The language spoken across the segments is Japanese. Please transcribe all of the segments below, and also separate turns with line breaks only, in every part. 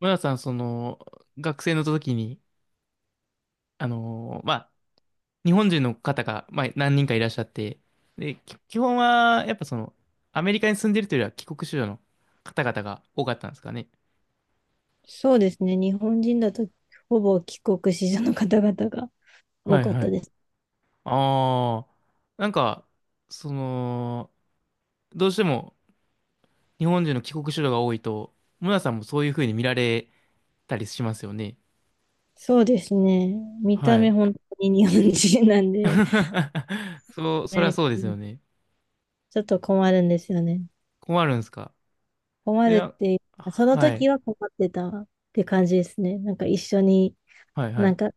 村田さん、学生の時に、まあ、日本人の方が、まあ、何人かいらっしゃって、で、基本は、やっぱアメリカに住んでるというよりは帰国子女の方々が多かったんですかね。
そうですね。日本人だとほぼ帰国子女の方々が多
はい
かっ
は
た
い。
です。
ああ、なんか、その、どうしても日本人の帰国子女が多いと、村田さんもそういう風に見られたりしますよね。
そうですね。見た
は
目
い。
本当に日本人なんで、
そう、そりゃ
ね、
そうですよね。
ちょっと困るんですよね。
困るんですか？
困
い
るっ
や、
ていうか、その
はい、
時は困ってたって感じですね。なんか一緒に、
はい、は
なん
い。
か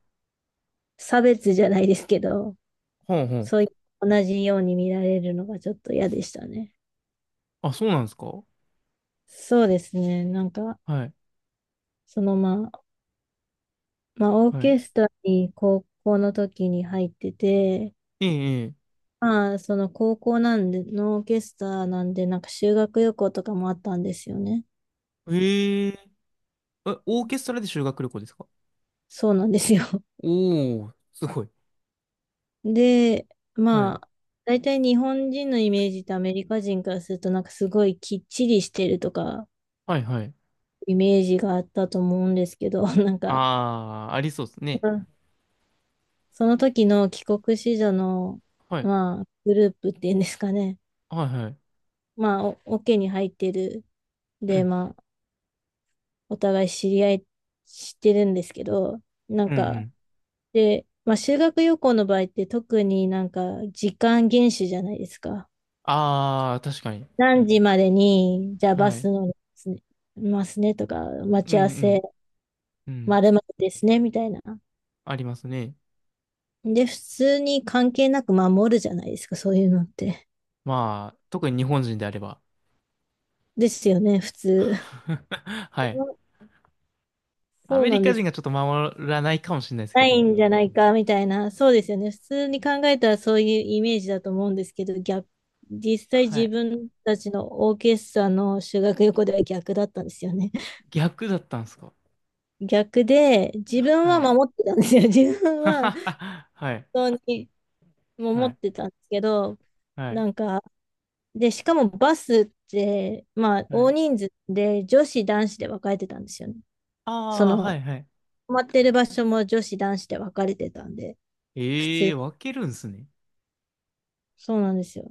差別じゃないですけど、
ほうほう。
そういう同じように見られるのがちょっと嫌でしたね。
あ、そうなんですか？は
そうですね。なんか、
い。
そのまあ、まあ、オー
はい。
ケストラに高校の時に入ってて、
ええ、え
まあ、その高校なんで、ノーケスターなんで、なんか修学旅行とかもあったんですよね。
え。へええ、オーケストラで修学旅行ですか？
そうなんですよ。
おー、すごい。
で、
は
ま
い。
あ、大体日本人のイメージとアメリカ人からすると、なんかすごいきっちりしてるとか、
はい、はい。
イメージがあったと思うんですけど、なんか、
あー、ありそうですね。
うん、その時の帰国子女の、
はい。
まあ、グループっていうんですかね。
はい、はい。
まあ、オケに入ってる。
う
で、
ん。
まあ、お互い知り合いしてるんですけど、な
う
ん
ん、う
か、
ん。
で、まあ、修学旅行の場合って特になんか時間厳守じゃないですか。
あー、確かに。
何時までに、じゃあバ
はい。
ス乗りすね、ますねとか、待
うん、
ち合わ
う
せ、
ん。う
ま
ん。
るまるですね、みたいな。
ありますね。
で、普通に関係なく守るじゃないですか、そういうのって。
まあ、特に日本人であれば。
ですよね、普通。そ
はい。
う
ア
そう、
メ
な
リ
ん
カ
で
人
す。
がちょっと守らないかもしれないですけ
ない
ど。
んじゃないか、みたいな。そうですよね。普通に考えたらそういうイメージだと思うんですけど、実際
は
自
い。
分たちのオーケストラの修学旅行では逆だったんですよね。
逆だったんですか？
逆で、自分は
はい。
守ってたんですよ。自分は
はい。
本当に
は
守っ
い。
てたんですけど、
はい。
なんか、で、しかもバスって、まあ、
は
大
い。
人数で女子、男子で分かれてたんですよね。そ
ああ、は
の、
いはい。
泊まってる場所も女子、男子で分かれてたんで、普
ええ
通、
ー、分けるんすね。
そうなんですよ。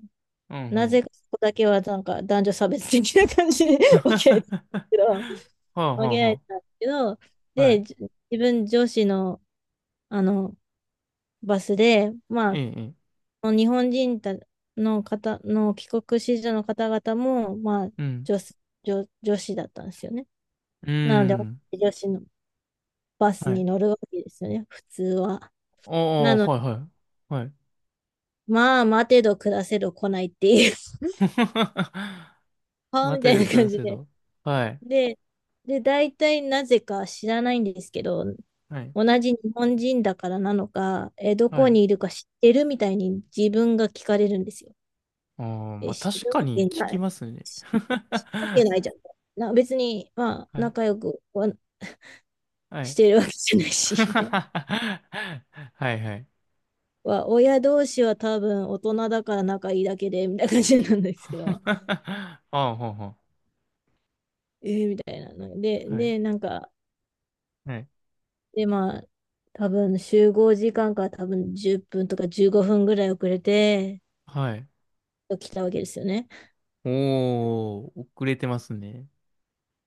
うんう
な
ん。
ぜかそこだけは、なんか、男女差別的な感じで 分
は
けられてたんですけど、
あは
分
あ
けられ
は
てたんですけど、
あ。は
で、
い。
自分、女子の、あの、バスで、
え
ま
え、ええ。
あ、日本人たの方の帰国子女の方々も、まあ、
うん。
女子、女子だったんですよね。
うー
なので、
ん。
女子のバス
は
に
い。
乗るわけですよね、普通は。
あ
な
あ、
ので、
はいはい。はい。
まあ、待てど暮らせど来ないっていう、はあ
熊
み
手
たい
で
な
暮
感
ら
じ
せ
で。
ど。はい。
で、で、大体なぜか知らないんですけど、
はい。
同じ日本人だからなのか、ど
は
こ
い。
にいるか知ってるみたいに自分が聞かれるんですよ。
ああ、まあ
知
確
るわ
かに
け
聞
な
き
い
ますね。
しわけないじゃん。別に、まあ、
はい。
仲良くは
は
し
い。
てるわけじゃないし、みたいな。
はいはい。
は親同士は多分大人だから仲いいだけで、みたいな感じなんですけど、
ああ、ほうほ
えー、みたいなの。で、
う。はい。
で、なんか、
はい。
で、まあ、多分集合時間から多分10分とか15分ぐらい遅れて、
はい。
来たわけですよね。
おー、遅れてますね。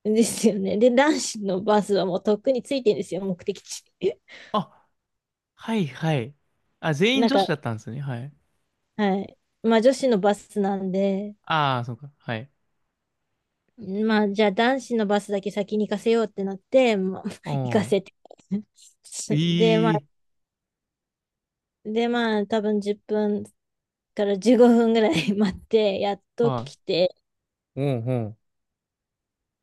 ですよね。で、男子のバスはもうとっくについてるんですよ、目的地。
あ、はいはい。あ、全員
なん
女
か、
子だったんですね。はい。
はい。まあ、女子のバスなんで、
ああ、そうか。はい。
まあ、じゃあ男子のバスだけ先に行かせようってなって、まあ、行か
お
せて。で、まあ、
ー、ええ、
で、まあ、多分10分から15分ぐらい 待って、やっと
は
来て、
い。おー、おー。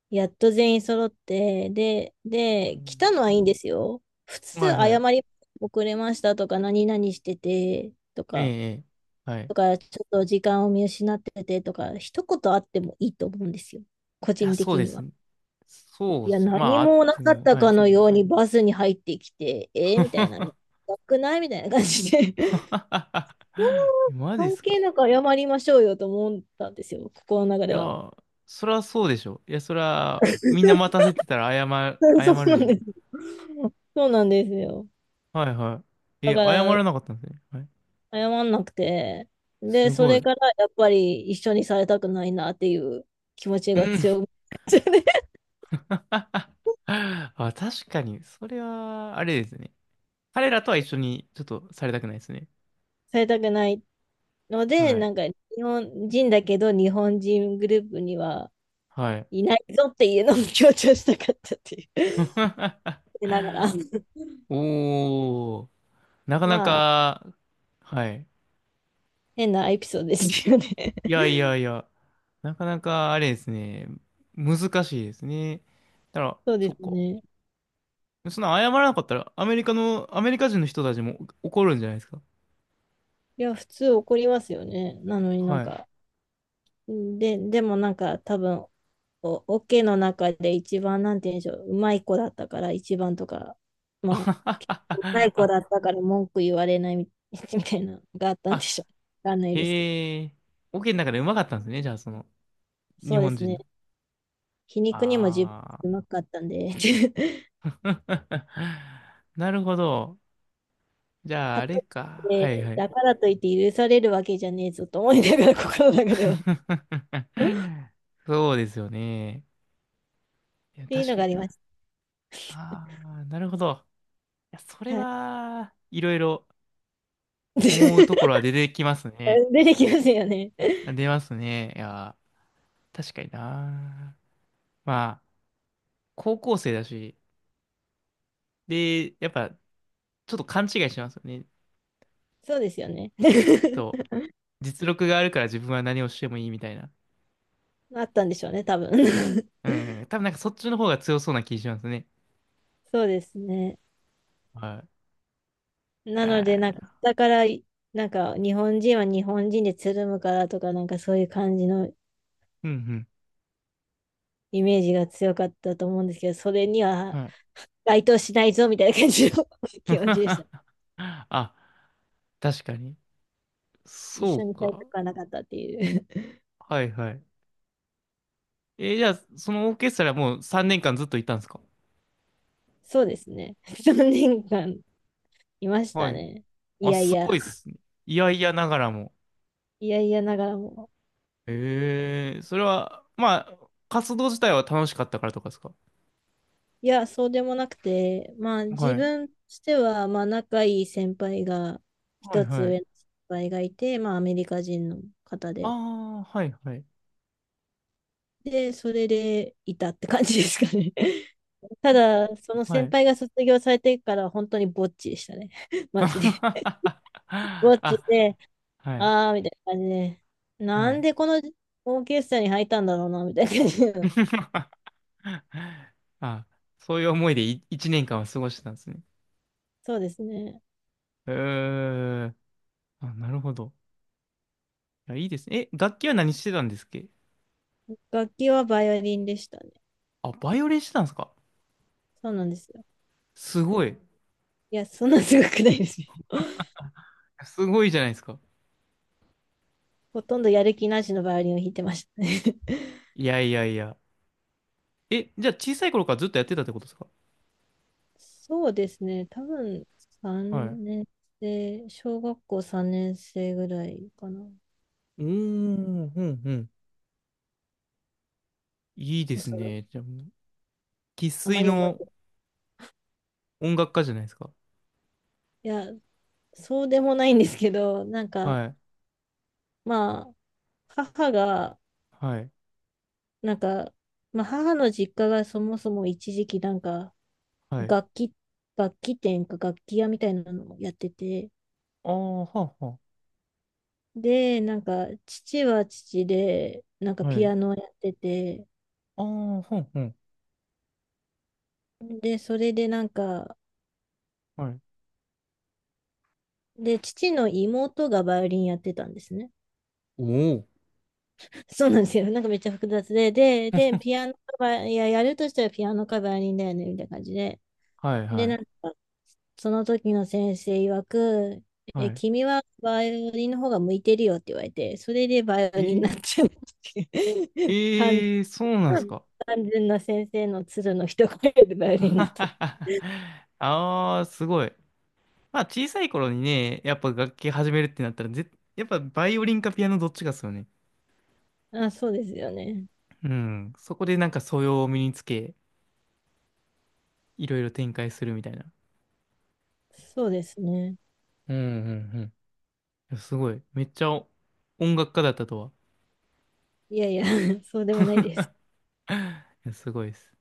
やっと全員揃って、で、
う
で、来た
ん。
のはいいんですよ。普通、
はいは
謝
い。
り、遅れましたとか、何々しててと
ええ、
か、
ええ。はい。い
ちょっと時間を見失っててとか、一言あってもいいと思うんですよ。個
や、
人
そう
的
で
に
す
は。
ね。そ
い
うで
や、
すね。
何
まあ、会っ
もな
て
か
み
っ
も、
た
は
か
い。
のようにバスに入ってきて、えー、みたいな、なくないみたいな感じで そんな
マジで
関
すか。
係なく謝りましょうよと思ったんですよ、心の中
い
で
や、
は。
そりゃそうでしょ。いや、そりゃ、みんな待たせてたら謝 る、
そう
謝る
な
で
ん
しょ。
です。そうなんですよ。
はいはい。
だ
え、
か
謝
ら、
らなかったんですね。はい。
謝んなくて、で、
す
そ
ご
れ
い。
からやっぱり一緒にされたくないなっていう気持ち
う
が
ん。
強くなっちゃって
あ、確かに、それは、あれですね。彼らとは一緒に、ちょっとされたくないですね。
されたくないので、
はい。
なんか日本人だけど日本人グループには、
はい。
いないぞっていうのも強調したかったっていう でながら、
おー、なかな
まあ、
か、はい。
変なエピソードですよね。
いやい やいや、なかなか、あれですね。難しいですね。だから、
そうで
そ
す
っか。
ね。
そんな謝らなかったら、アメリカ人の人たちも怒るんじゃないですか。
いや、普通怒りますよね。なのになん
はい。
か、で、でもなんか多分、オケの中で一番、なんて言うんでしょう、うまい子だったから一番とか、まあ、うまい子
あ、
だったから文句言われない みたいなのがあったんで
あ、
しょう。わかんないですけど。
へえ。オケの中でうまかったんですね。じゃあ。日
そうで
本
す
人
ね。
の。
皮肉にも自
ああ。
分うまかったんで、
なるほど。じゃあ、
か
あれ
と
か。
い
は
っ
い
て、
はい。
だからといって許されるわけじゃねえぞと思いながら、心の中では。っ
そうですよね。いや、
ていう
確
の
か
があ
に
りま
な。
し
ああ、なるほど。いや、それ
た。はい。
は、いろいろ思うところは 出てきますね。
出てきますよね。
出ますね。いや、確かにな。まあ、高校生だし、で、やっぱ、ちょっと勘違いしますよね。
そうですよね。
きっと、実力があるから自分は何をしてもいいみたいな。
あったんでしょうね、多分。
うん。多分なんかそっちの方が強そうな気しますね。
そうですね。
はい。
な
は
ので、
い。
なんか、だから、なんか、日本人は日本人でつるむからとか、なんかそういう感じの
うん
イメージが強かったと思うんですけど、それに
う
は
ん。はい。
該当しないぞみたいな感じの 気持ちでした。
あ、確かに。
一
そ
緒
う
にされた
か。
くはなかったっていう。
はいはい。じゃあ、そのオーケストラもう3年間ずっといたんですか？
そうですね。3年間いまし
は
た
い。
ね。い
あ、
やい
す
や、
ごいっすね。いやいやながらも。
いやいやながらも。
ええ、それは、まあ、活動自体は楽しかったからとかですか？
いや、そうでもなくて、まあ自
はい。
分としては、まあ仲いい先輩が、
はい
一つ
はい。
上の先輩がいて、まあアメリカ人の方
あ
で。
あ、はいはい。
で、それでいたって感じですかね。ただ、その
は
先
い。
輩が卒業されてから本当にぼっちでしたね。マジで。
あ、
ぼっちで、
はい。
あーみたいな感じで、な
は
ん
い。
でこのオーケストラに入ったんだろうな、みたいな感じの。
あ、そういう思いでい一年間は過ごしてたんですね。
そうですね。
えー、あ、なるほど。いや、いいですね。え、楽器は何してたんですっけ？
楽器はバイオリンでしたね。
あ、バイオリンしてたんですか？
そうなんですよ。
すごい。
いや、そんなすごくないですよ。
すごいじゃないですか。
ほとんどやる気なしのバイオリンを弾いてましたね。
いやいやいや。え、じゃあ小さい頃からずっとやってたってことですか？
そうですね。多分
はい。う
3年生、小学校3年生ぐらいかな。
ーん、うん、うん。いいで
お
す
そらく
ね。じゃあもう、生
あま
粋
り覚え
の
てな
音楽家じゃないですか。
い。いや、そうでもないんですけど、なんか、
はい、
まあ、母が、
はい、
なんか、まあ、母の実家がそもそも一時期なんか、
はい。
楽器、楽器店か楽器屋みたいなのをやってて、
ああ、はあ、は
で、なんか、父は父で、なんか
あ。は
ピ
い。
アノをやってて、
ああ、ほんほん。
で、それでなんか、
はい。
で、父の妹がバイオリンやってたんですね。
おお。
そうなんですよ。なんかめっちゃ複雑で、ピアノかいや、やるとしたらピアノかバイオリンだよね、みたいな感じで。
はい、
で、
は
な
い、
んか、その時の先生曰く、
は
え、
い。
君はバイオリンの方が向いてるよって言われて、それでバイオリンになっ
ええ
ちゃうっていう 単純
ええ、そうなんですか？
単純な先生の鶴の一声でバイオリンになった。
ああ、すごい。まあ、小さい頃にね、やっぱ楽器始めるってなったら、やっぱバイオリンかピアノどっちかっすよね。
あ、そうですよね。
うん。そこでなんか素養を身につけ、いろいろ展開するみたいな。
そうですね。
うんうんうん。いやすごい。めっちゃ音楽家だったとは。
いやいや、そうでもないです。
いやすごいです。